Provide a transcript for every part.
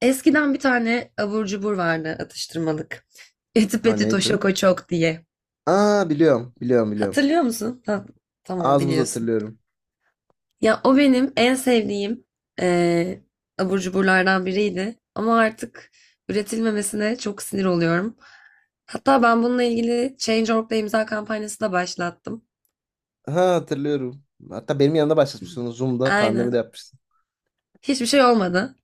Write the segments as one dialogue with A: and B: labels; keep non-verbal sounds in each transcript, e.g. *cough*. A: Eskiden bir tane abur cubur vardı atıştırmalık. *laughs* Eti
B: Ha
A: Petit o
B: neydi?
A: Şoko Çok diye.
B: Aa biliyorum, biliyorum, biliyorum.
A: Hatırlıyor musun? Ha, tamam
B: Az buz
A: biliyorsun.
B: hatırlıyorum.
A: Ya o benim en sevdiğim eee abur cuburlardan biriydi. Ama artık üretilmemesine çok sinir oluyorum. Hatta ben bununla ilgili Change.org'da imza kampanyası da başlattım.
B: Ha hatırlıyorum. Hatta benim yanımda başlatmıştın Zoom'da pandemide
A: Aynen.
B: yapmıştın.
A: Hiçbir şey olmadı.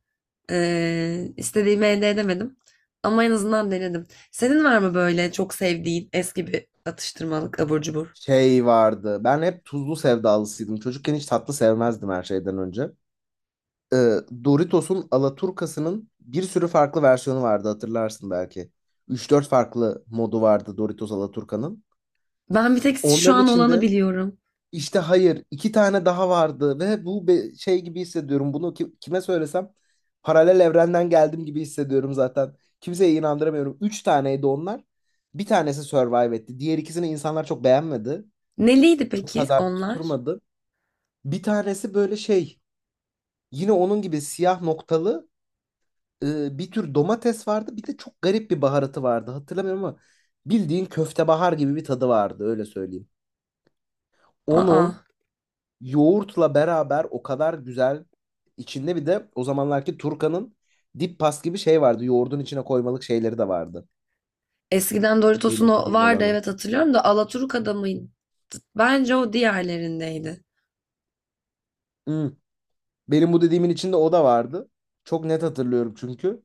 A: İstediğimi elde edemedim. Ama en azından denedim. Senin var mı böyle çok sevdiğin eski bir atıştırmalık abur cubur?
B: Şey vardı. Ben hep tuzlu sevdalısıydım. Çocukken hiç tatlı sevmezdim her şeyden önce. Ee, Doritos'un Alaturkası'nın bir sürü farklı versiyonu vardı, hatırlarsın belki. Üç dört farklı modu vardı Doritos Alaturka'nın.
A: Ben bir tek şu
B: Onların
A: an olanı
B: içinde.
A: biliyorum.
B: İşte hayır, iki tane daha vardı ve bu şey gibi hissediyorum. Bunu kime söylesem paralel evrenden geldim gibi hissediyorum zaten. Kimseye inandıramıyorum. Üç taneydi onlar. Bir tanesi survive etti. Diğer ikisini insanlar çok beğenmedi.
A: Neliydi
B: Çok
A: peki
B: pazar
A: onlar?
B: tutturmadı. Bir tanesi böyle şey, yine onun gibi siyah noktalı, bir tür domates vardı. Bir de çok garip bir baharatı vardı. Hatırlamıyorum ama bildiğin köftebahar gibi bir tadı vardı, öyle söyleyeyim.
A: Aa.
B: Onu yoğurtla beraber o kadar güzel, içinde bir de o zamanlarki Turkan'ın dip pas gibi şey vardı. Yoğurdun içine koymalık şeyleri de vardı.
A: Eskiden Doritos'un
B: Benim
A: o
B: dediğim
A: vardı,
B: olanın.
A: evet, hatırlıyorum da Alaturka'da mıydı? Bence o diğerlerindeydi.
B: Hmm. Benim bu dediğimin içinde o da vardı. Çok net hatırlıyorum çünkü.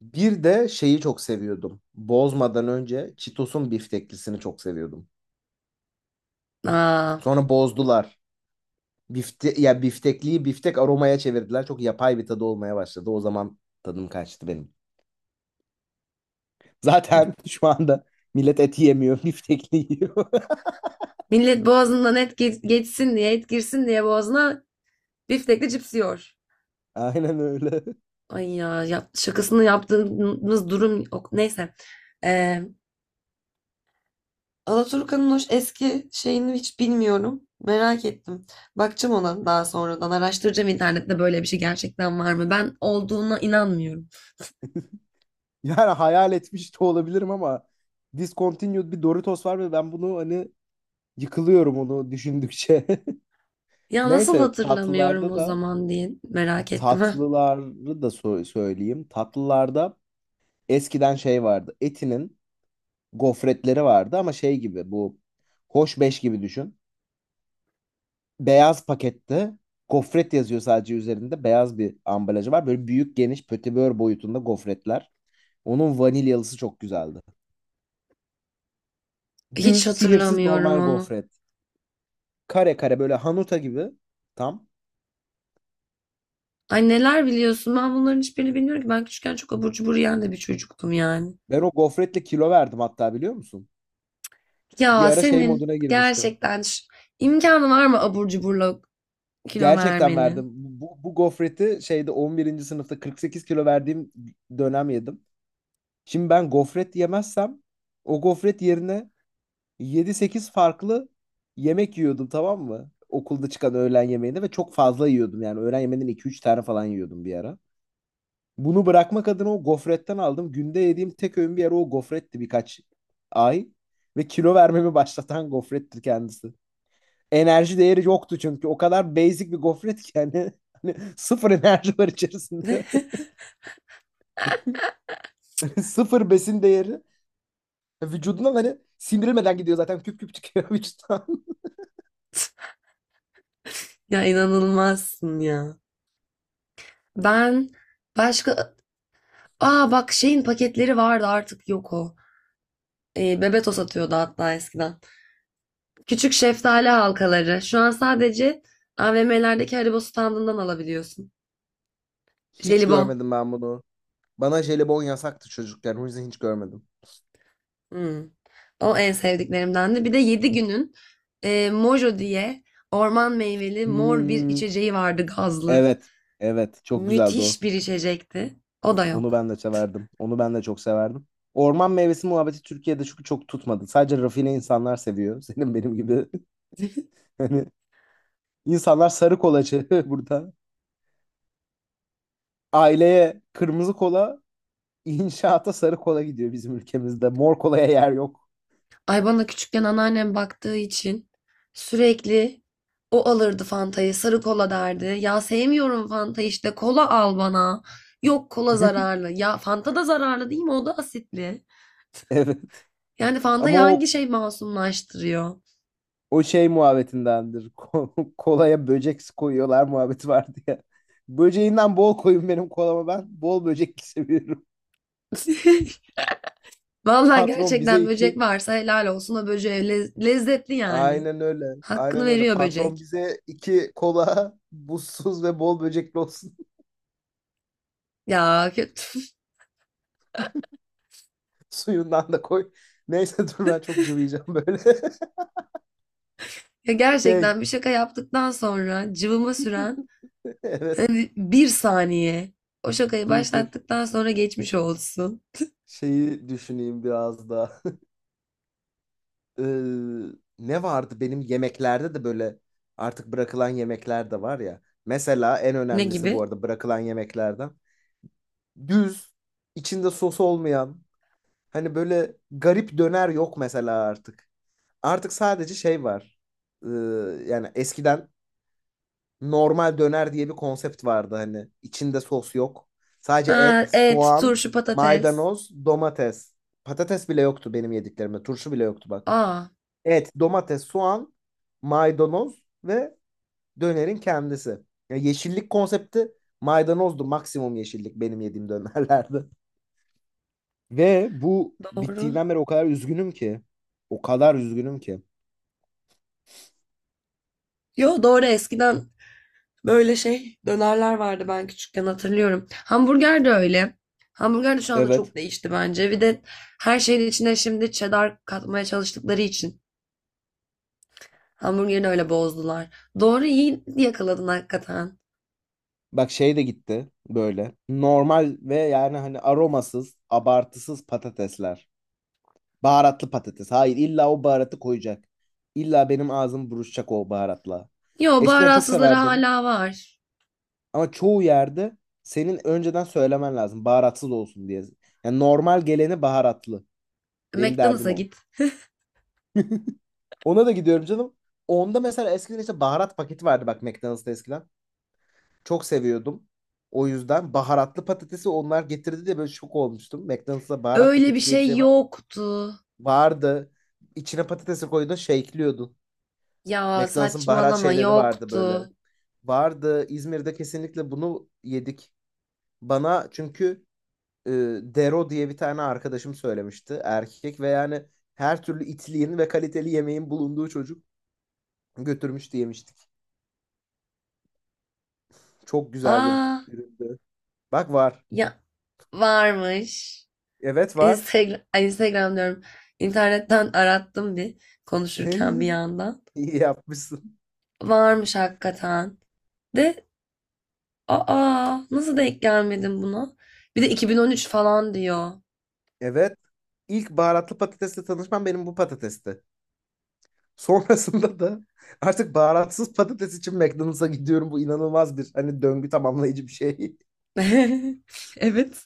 B: Bir de şeyi çok seviyordum. Bozmadan önce Cheetos'un bifteklisini çok seviyordum.
A: Aa,
B: Sonra bozdular. Ya biftekliyi biftek aromaya çevirdiler. Çok yapay bir tadı olmaya başladı. O zaman tadım kaçtı benim. Zaten *laughs* şu anda millet et yemiyor, biftekli yiyor. *laughs*
A: millet boğazından et geçsin diye, et girsin diye boğazına biftekli cips yiyor.
B: Aynen öyle. *laughs*
A: Ay ya, şakasını yaptığımız durum yok. Neyse. Ee, Alaturka'nın o eski şeyini hiç bilmiyorum. Merak ettim. Bakacağım ona daha sonradan. Araştıracağım internette, böyle bir şey gerçekten var mı? Ben olduğuna inanmıyorum.
B: Yani hayal etmiş de olabilirim ama discontinued bir Doritos var ve ben bunu, hani, yıkılıyorum onu düşündükçe. *laughs*
A: Ya nasıl
B: Neyse,
A: hatırlamıyorum
B: tatlılarda
A: o
B: da
A: zaman diye merak ettim, ha.
B: tatlıları da söyleyeyim. Tatlılarda eskiden şey vardı. Eti'nin gofretleri vardı ama şey gibi, bu Hoş Beş gibi düşün. Beyaz pakette gofret yazıyor sadece üzerinde. Beyaz bir ambalajı var. Böyle büyük geniş pötibör boyutunda gofretler. Onun vanilyalısı çok güzeldi.
A: Hiç
B: Düz, sihirsiz
A: hatırlamıyorum
B: normal
A: onu.
B: gofret. Kare kare, böyle hanuta gibi. Tam.
A: Ay, neler biliyorsun? Ben bunların hiçbirini bilmiyorum ki. Ben küçükken çok abur cubur yiyen de bir çocuktum yani.
B: Ben o gofretle kilo verdim hatta, biliyor musun? Bir
A: Ya
B: ara şey
A: senin
B: moduna girmiştim.
A: gerçekten imkanı var mı abur cuburla kilo
B: Gerçekten verdim.
A: vermenin?
B: Bu gofreti şeyde 11'inci sınıfta 48 kilo verdiğim dönem yedim. Şimdi ben gofret yemezsem, o gofret yerine yedi sekiz farklı yemek yiyordum, tamam mı? Okulda çıkan öğlen yemeğinde ve çok fazla yiyordum yani. Öğlen yemeğinden iki üç tane falan yiyordum bir ara. Bunu bırakmak adına o gofretten aldım. Günde yediğim tek öğün bir ara o gofretti, birkaç ay. Ve kilo vermemi başlatan gofrettir kendisi. Enerji değeri yoktu çünkü. O kadar basic bir gofret ki yani. *laughs* Hani sıfır enerji var içerisinde.
A: *laughs*
B: *laughs* Sıfır besin değeri. E, Vücudundan hani sindirilmeden gidiyor zaten. Küp küp çıkıyor vücuttan. *laughs*
A: Ya inanılmazsın ya. Ben başka... Aa bak, şeyin paketleri vardı, artık yok o. E, Bebeto satıyordu hatta eskiden. Küçük şeftali halkaları. Şu an sadece AVM'lerdeki Haribo standından alabiliyorsun.
B: Hiç
A: Jelibon.
B: görmedim ben bunu. Bana jelibon yasaktı çocukken. O yüzden hiç görmedim.
A: Hmm. O en sevdiklerimdendi. Bir de 7 günün Mojo diye orman meyveli mor bir
B: Hmm,
A: içeceği vardı, gazlı.
B: evet. Evet. Çok güzeldi o.
A: Müthiş bir içecekti. O da
B: Onu
A: yok.
B: ben de severdim. Onu ben de çok severdim. Orman meyvesi muhabbeti Türkiye'de çünkü çok tutmadı. Sadece rafine insanlar seviyor. *laughs* Senin benim gibi. *laughs* Hani insanlar sarı kolacı *laughs* burada. Aileye kırmızı kola, inşaata sarı kola gidiyor bizim ülkemizde. Mor kolaya yer yok.
A: Ay, bana küçükken anneannem baktığı için sürekli o alırdı Fanta'yı, sarı kola derdi. Ya sevmiyorum Fanta, işte kola al bana. Yok, kola
B: *laughs*
A: zararlı. Ya Fanta da zararlı değil mi? O da asitli.
B: Evet.
A: Yani Fanta'yı
B: Ama
A: hangi
B: o
A: şey masumlaştırıyor?
B: o şey muhabbetindendir. *laughs* Kolaya böcek koyuyorlar muhabbeti vardı ya. Böceğinden bol koyun benim kolama ben. Bol böcekli *laughs* seviyorum.
A: *laughs* Vallahi
B: Patron bize
A: gerçekten böcek
B: iki
A: varsa helal olsun o böceğe, lezzetli yani.
B: Aynen öyle.
A: Hakkını
B: Aynen öyle.
A: veriyor
B: Patron
A: böcek.
B: bize iki kola *laughs* buzsuz ve bol böcekli olsun.
A: Ya kötü. *laughs*
B: *laughs* Suyundan da koy. Neyse, dur, ben çok cıvıyacağım böyle. *laughs*
A: Ya
B: Şey
A: gerçekten bir şaka yaptıktan sonra cıvıma süren
B: *laughs* evet,
A: bir saniye. O şakayı
B: dur dur.
A: başlattıktan sonra geçmiş olsun.
B: Şeyi düşüneyim biraz daha. *laughs* Ee, ne vardı benim yemeklerde de? Böyle artık bırakılan yemekler de var ya. Mesela en
A: Ne
B: önemlisi
A: gibi?
B: bu arada bırakılan yemeklerden. Düz, içinde sos olmayan, hani böyle garip döner yok mesela artık. Artık sadece şey var. Ee, yani eskiden normal döner diye bir konsept vardı hani. İçinde sos yok. Sadece
A: Ha,
B: et,
A: et,
B: soğan,
A: turşu, patates.
B: maydanoz, domates. Patates bile yoktu benim yediklerimde. Turşu bile yoktu bak.
A: Aa,
B: Et, domates, soğan, maydanoz ve dönerin kendisi. Ya, yeşillik konsepti maydanozdu. Maksimum yeşillik benim yediğim dönerlerde. *laughs* Ve bu
A: doğru.
B: bittiğinden beri o kadar üzgünüm ki. O kadar üzgünüm ki.
A: Yo doğru, eskiden böyle şey dönerler vardı ben küçükken, hatırlıyorum. Hamburger de öyle. Hamburger de şu anda
B: Evet.
A: çok değişti bence. Bir de her şeyin içine şimdi cheddar katmaya çalıştıkları için hamburgeri öyle bozdular. Doğru, iyi yakaladın hakikaten.
B: Bak, şey de gitti böyle. Normal ve yani hani aromasız, abartısız patatesler. Baharatlı patates. Hayır, illa o baharatı koyacak. İlla benim ağzım buruşacak o baharatla.
A: Yo,
B: Eskiden çok
A: baharatsızları
B: severdim
A: hala var.
B: ama çoğu yerde senin önceden söylemen lazım baharatsız olsun diye. Yani normal geleni baharatlı. Benim derdim
A: McDonald's'a
B: o.
A: git.
B: Ona da gidiyorum canım. Onda mesela eskiden işte baharat paketi vardı bak, McDonald's'ta eskiden. Çok seviyordum. O yüzden baharatlı patatesi onlar getirdi de böyle şok olmuştum. McDonald's'ta baharat
A: Öyle bir
B: paketi diye bir
A: şey
B: şey var.
A: yoktu.
B: Vardı. İçine patatesi koydu, shake'liyordun.
A: Ya
B: McDonald's'ın baharat
A: saçmalama,
B: şeyleri vardı böyle.
A: yoktu.
B: Vardı. İzmir'de kesinlikle bunu yedik. Bana çünkü, e, Dero diye bir tane arkadaşım söylemişti. Erkek ve yani her türlü itliğin ve kaliteli yemeğin bulunduğu çocuk götürmüştü, yemiştik. Çok güzel bir
A: Aa
B: üründü. Bak, var.
A: ya, varmış.
B: Evet var.
A: Instagram, ay, Instagram diyorum. İnternetten arattım bir, konuşurken bir
B: *laughs*
A: yandan.
B: İyi yapmışsın.
A: Varmış hakikaten. De aa, nasıl denk gelmedim buna? Bir de 2013 falan diyor.
B: Evet. İlk baharatlı patatesle tanışmam benim bu patatesti. Sonrasında da artık baharatsız patates için McDonald's'a gidiyorum. Bu inanılmaz bir, hani, döngü tamamlayıcı bir şey.
A: *laughs* Evet.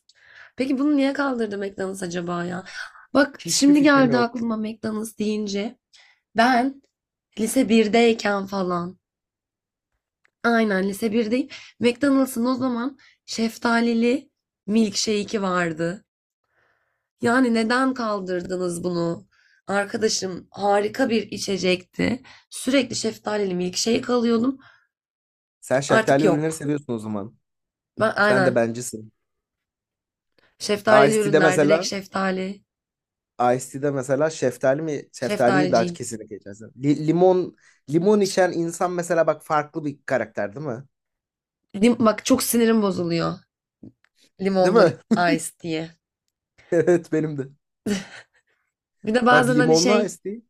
A: Peki bunu niye kaldırdı McDonald's acaba ya? Bak,
B: Hiçbir
A: şimdi
B: fikrim
A: geldi
B: yok.
A: aklıma McDonald's deyince. Ben lise birdeyken falan, aynen, lise 1'deyim. McDonald's'ın o zaman şeftalili milkshake'i vardı. Yani neden kaldırdınız bunu? Arkadaşım, harika bir içecekti. Sürekli şeftalili milkshake alıyordum.
B: Sen
A: Artık
B: şeftali ürünleri
A: yok.
B: seviyorsun o zaman.
A: Ben
B: Sen de
A: aynen
B: bencisin.
A: şeftalili
B: Iced Tea'de
A: ürünler, direkt
B: mesela
A: şeftali.
B: Iced Tea'de mesela şeftali mi şeftaliyi daha
A: Şeftaliciyim.
B: kesinlikle içersin. Limon içen insan mesela, bak, farklı bir karakter değil mi?
A: Lim- bak, çok sinirim bozuluyor.
B: Değil mi? *laughs*
A: Limonlu ice diye.
B: Evet, benim de.
A: Bir de
B: Bak,
A: bazen hani
B: limonlu
A: şey,
B: Iced Tea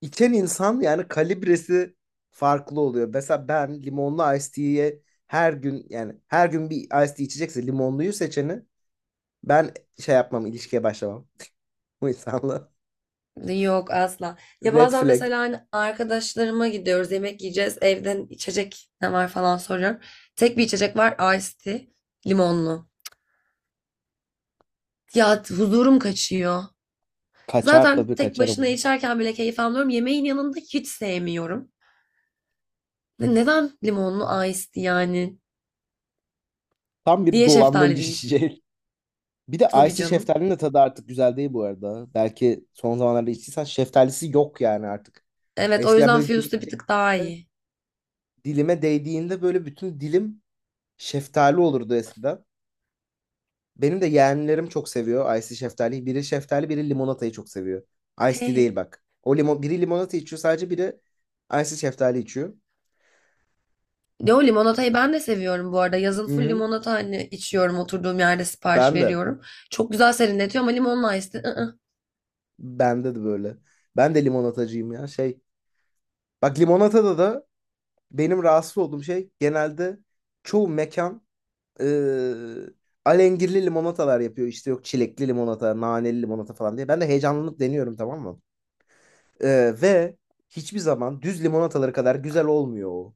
B: İçen insan yani kalibresi farklı oluyor. Mesela ben limonlu iced tea'ye her gün, yani her gün bir iced tea içecekse limonluyu seçeni ben şey yapmam, ilişkiye başlamam. Bu insanla.
A: yok asla.
B: *laughs*
A: Ya
B: Red
A: bazen
B: flag.
A: mesela hani arkadaşlarıma gidiyoruz, yemek yiyeceğiz, evden içecek ne var falan soruyorum. Tek bir içecek var, iced tea limonlu. Ya huzurum kaçıyor.
B: Kaçar
A: Zaten
B: tabii,
A: tek
B: kaçarım
A: başına
B: ben.
A: içerken bile keyif almıyorum. Yemeğin yanında hiç sevmiyorum. Neden limonlu iced tea yani?
B: Tam bir
A: Niye şeftali
B: dolandırıcı *laughs*
A: değil?
B: içecek. Bir de
A: Tabii
B: Icy
A: canım.
B: şeftalinin de tadı artık güzel değil bu arada. Belki son zamanlarda içtiysen, şeftalisi yok yani artık.
A: Evet, o
B: Eskiden
A: yüzden
B: böyle dilime,
A: Fuse'da bir tık daha iyi.
B: dilime değdiğinde böyle bütün dilim şeftali olurdu eskiden. Benim de yeğenlerim çok seviyor Icy şeftaliyi. Biri şeftali, biri limonatayı çok seviyor. Ice tea değil
A: *laughs*
B: bak. O limon, biri limonata içiyor sadece, biri Icy şeftali içiyor.
A: Yo, limonatayı ben de seviyorum bu arada. Yazın
B: Hı
A: full
B: hı.
A: limonata hani içiyorum, oturduğum yerde sipariş
B: Ben de.
A: veriyorum. Çok güzel serinletiyor ama limonla ice tea, ı-ı.
B: Bende de böyle. Ben de limonatacıyım ya. Bak, limonatada da benim rahatsız olduğum şey genelde, çoğu mekan eee alengirli limonatalar yapıyor. İşte yok çilekli limonata, naneli limonata falan diye. Ben de heyecanlanıp deniyorum, tamam mı? Ve hiçbir zaman düz limonataları kadar güzel olmuyor o.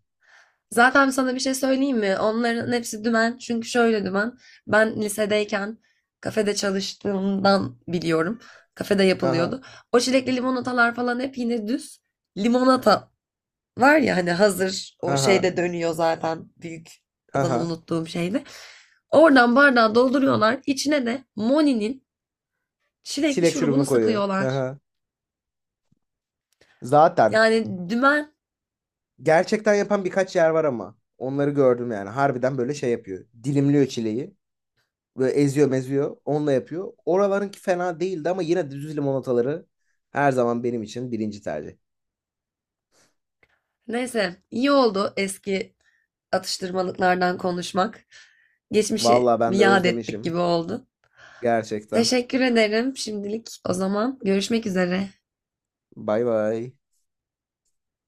A: Zaten sana bir şey söyleyeyim mi? Onların hepsi dümen. Çünkü şöyle dümen. Ben lisedeyken kafede çalıştığımdan biliyorum. Kafede
B: Aha.
A: yapılıyordu. O çilekli limonatalar falan hep yine düz. Limonata var ya hani, hazır o
B: Aha,
A: şeyde dönüyor zaten. Büyük, adını
B: aha.
A: unuttuğum şeyde. Oradan bardağı dolduruyorlar. İçine de Moni'nin çilekli
B: Çilek
A: şurubunu
B: şurubunu koyuyor.
A: sıkıyorlar.
B: Aha. Zaten.
A: Yani dümen.
B: Gerçekten yapan birkaç yer var ama. Onları gördüm yani. Harbiden böyle şey yapıyor. Dilimliyor çileği. Böyle eziyor meziyor. Onunla yapıyor. Oralarınki fena değildi ama yine düz limonataları her zaman benim için birinci tercih.
A: Neyse, iyi oldu eski atıştırmalıklardan konuşmak. Geçmişi
B: Vallahi
A: bir
B: ben de
A: yad ettik
B: özlemişim.
A: gibi oldu.
B: Gerçekten.
A: Teşekkür ederim şimdilik. O zaman görüşmek üzere.
B: Bay bay.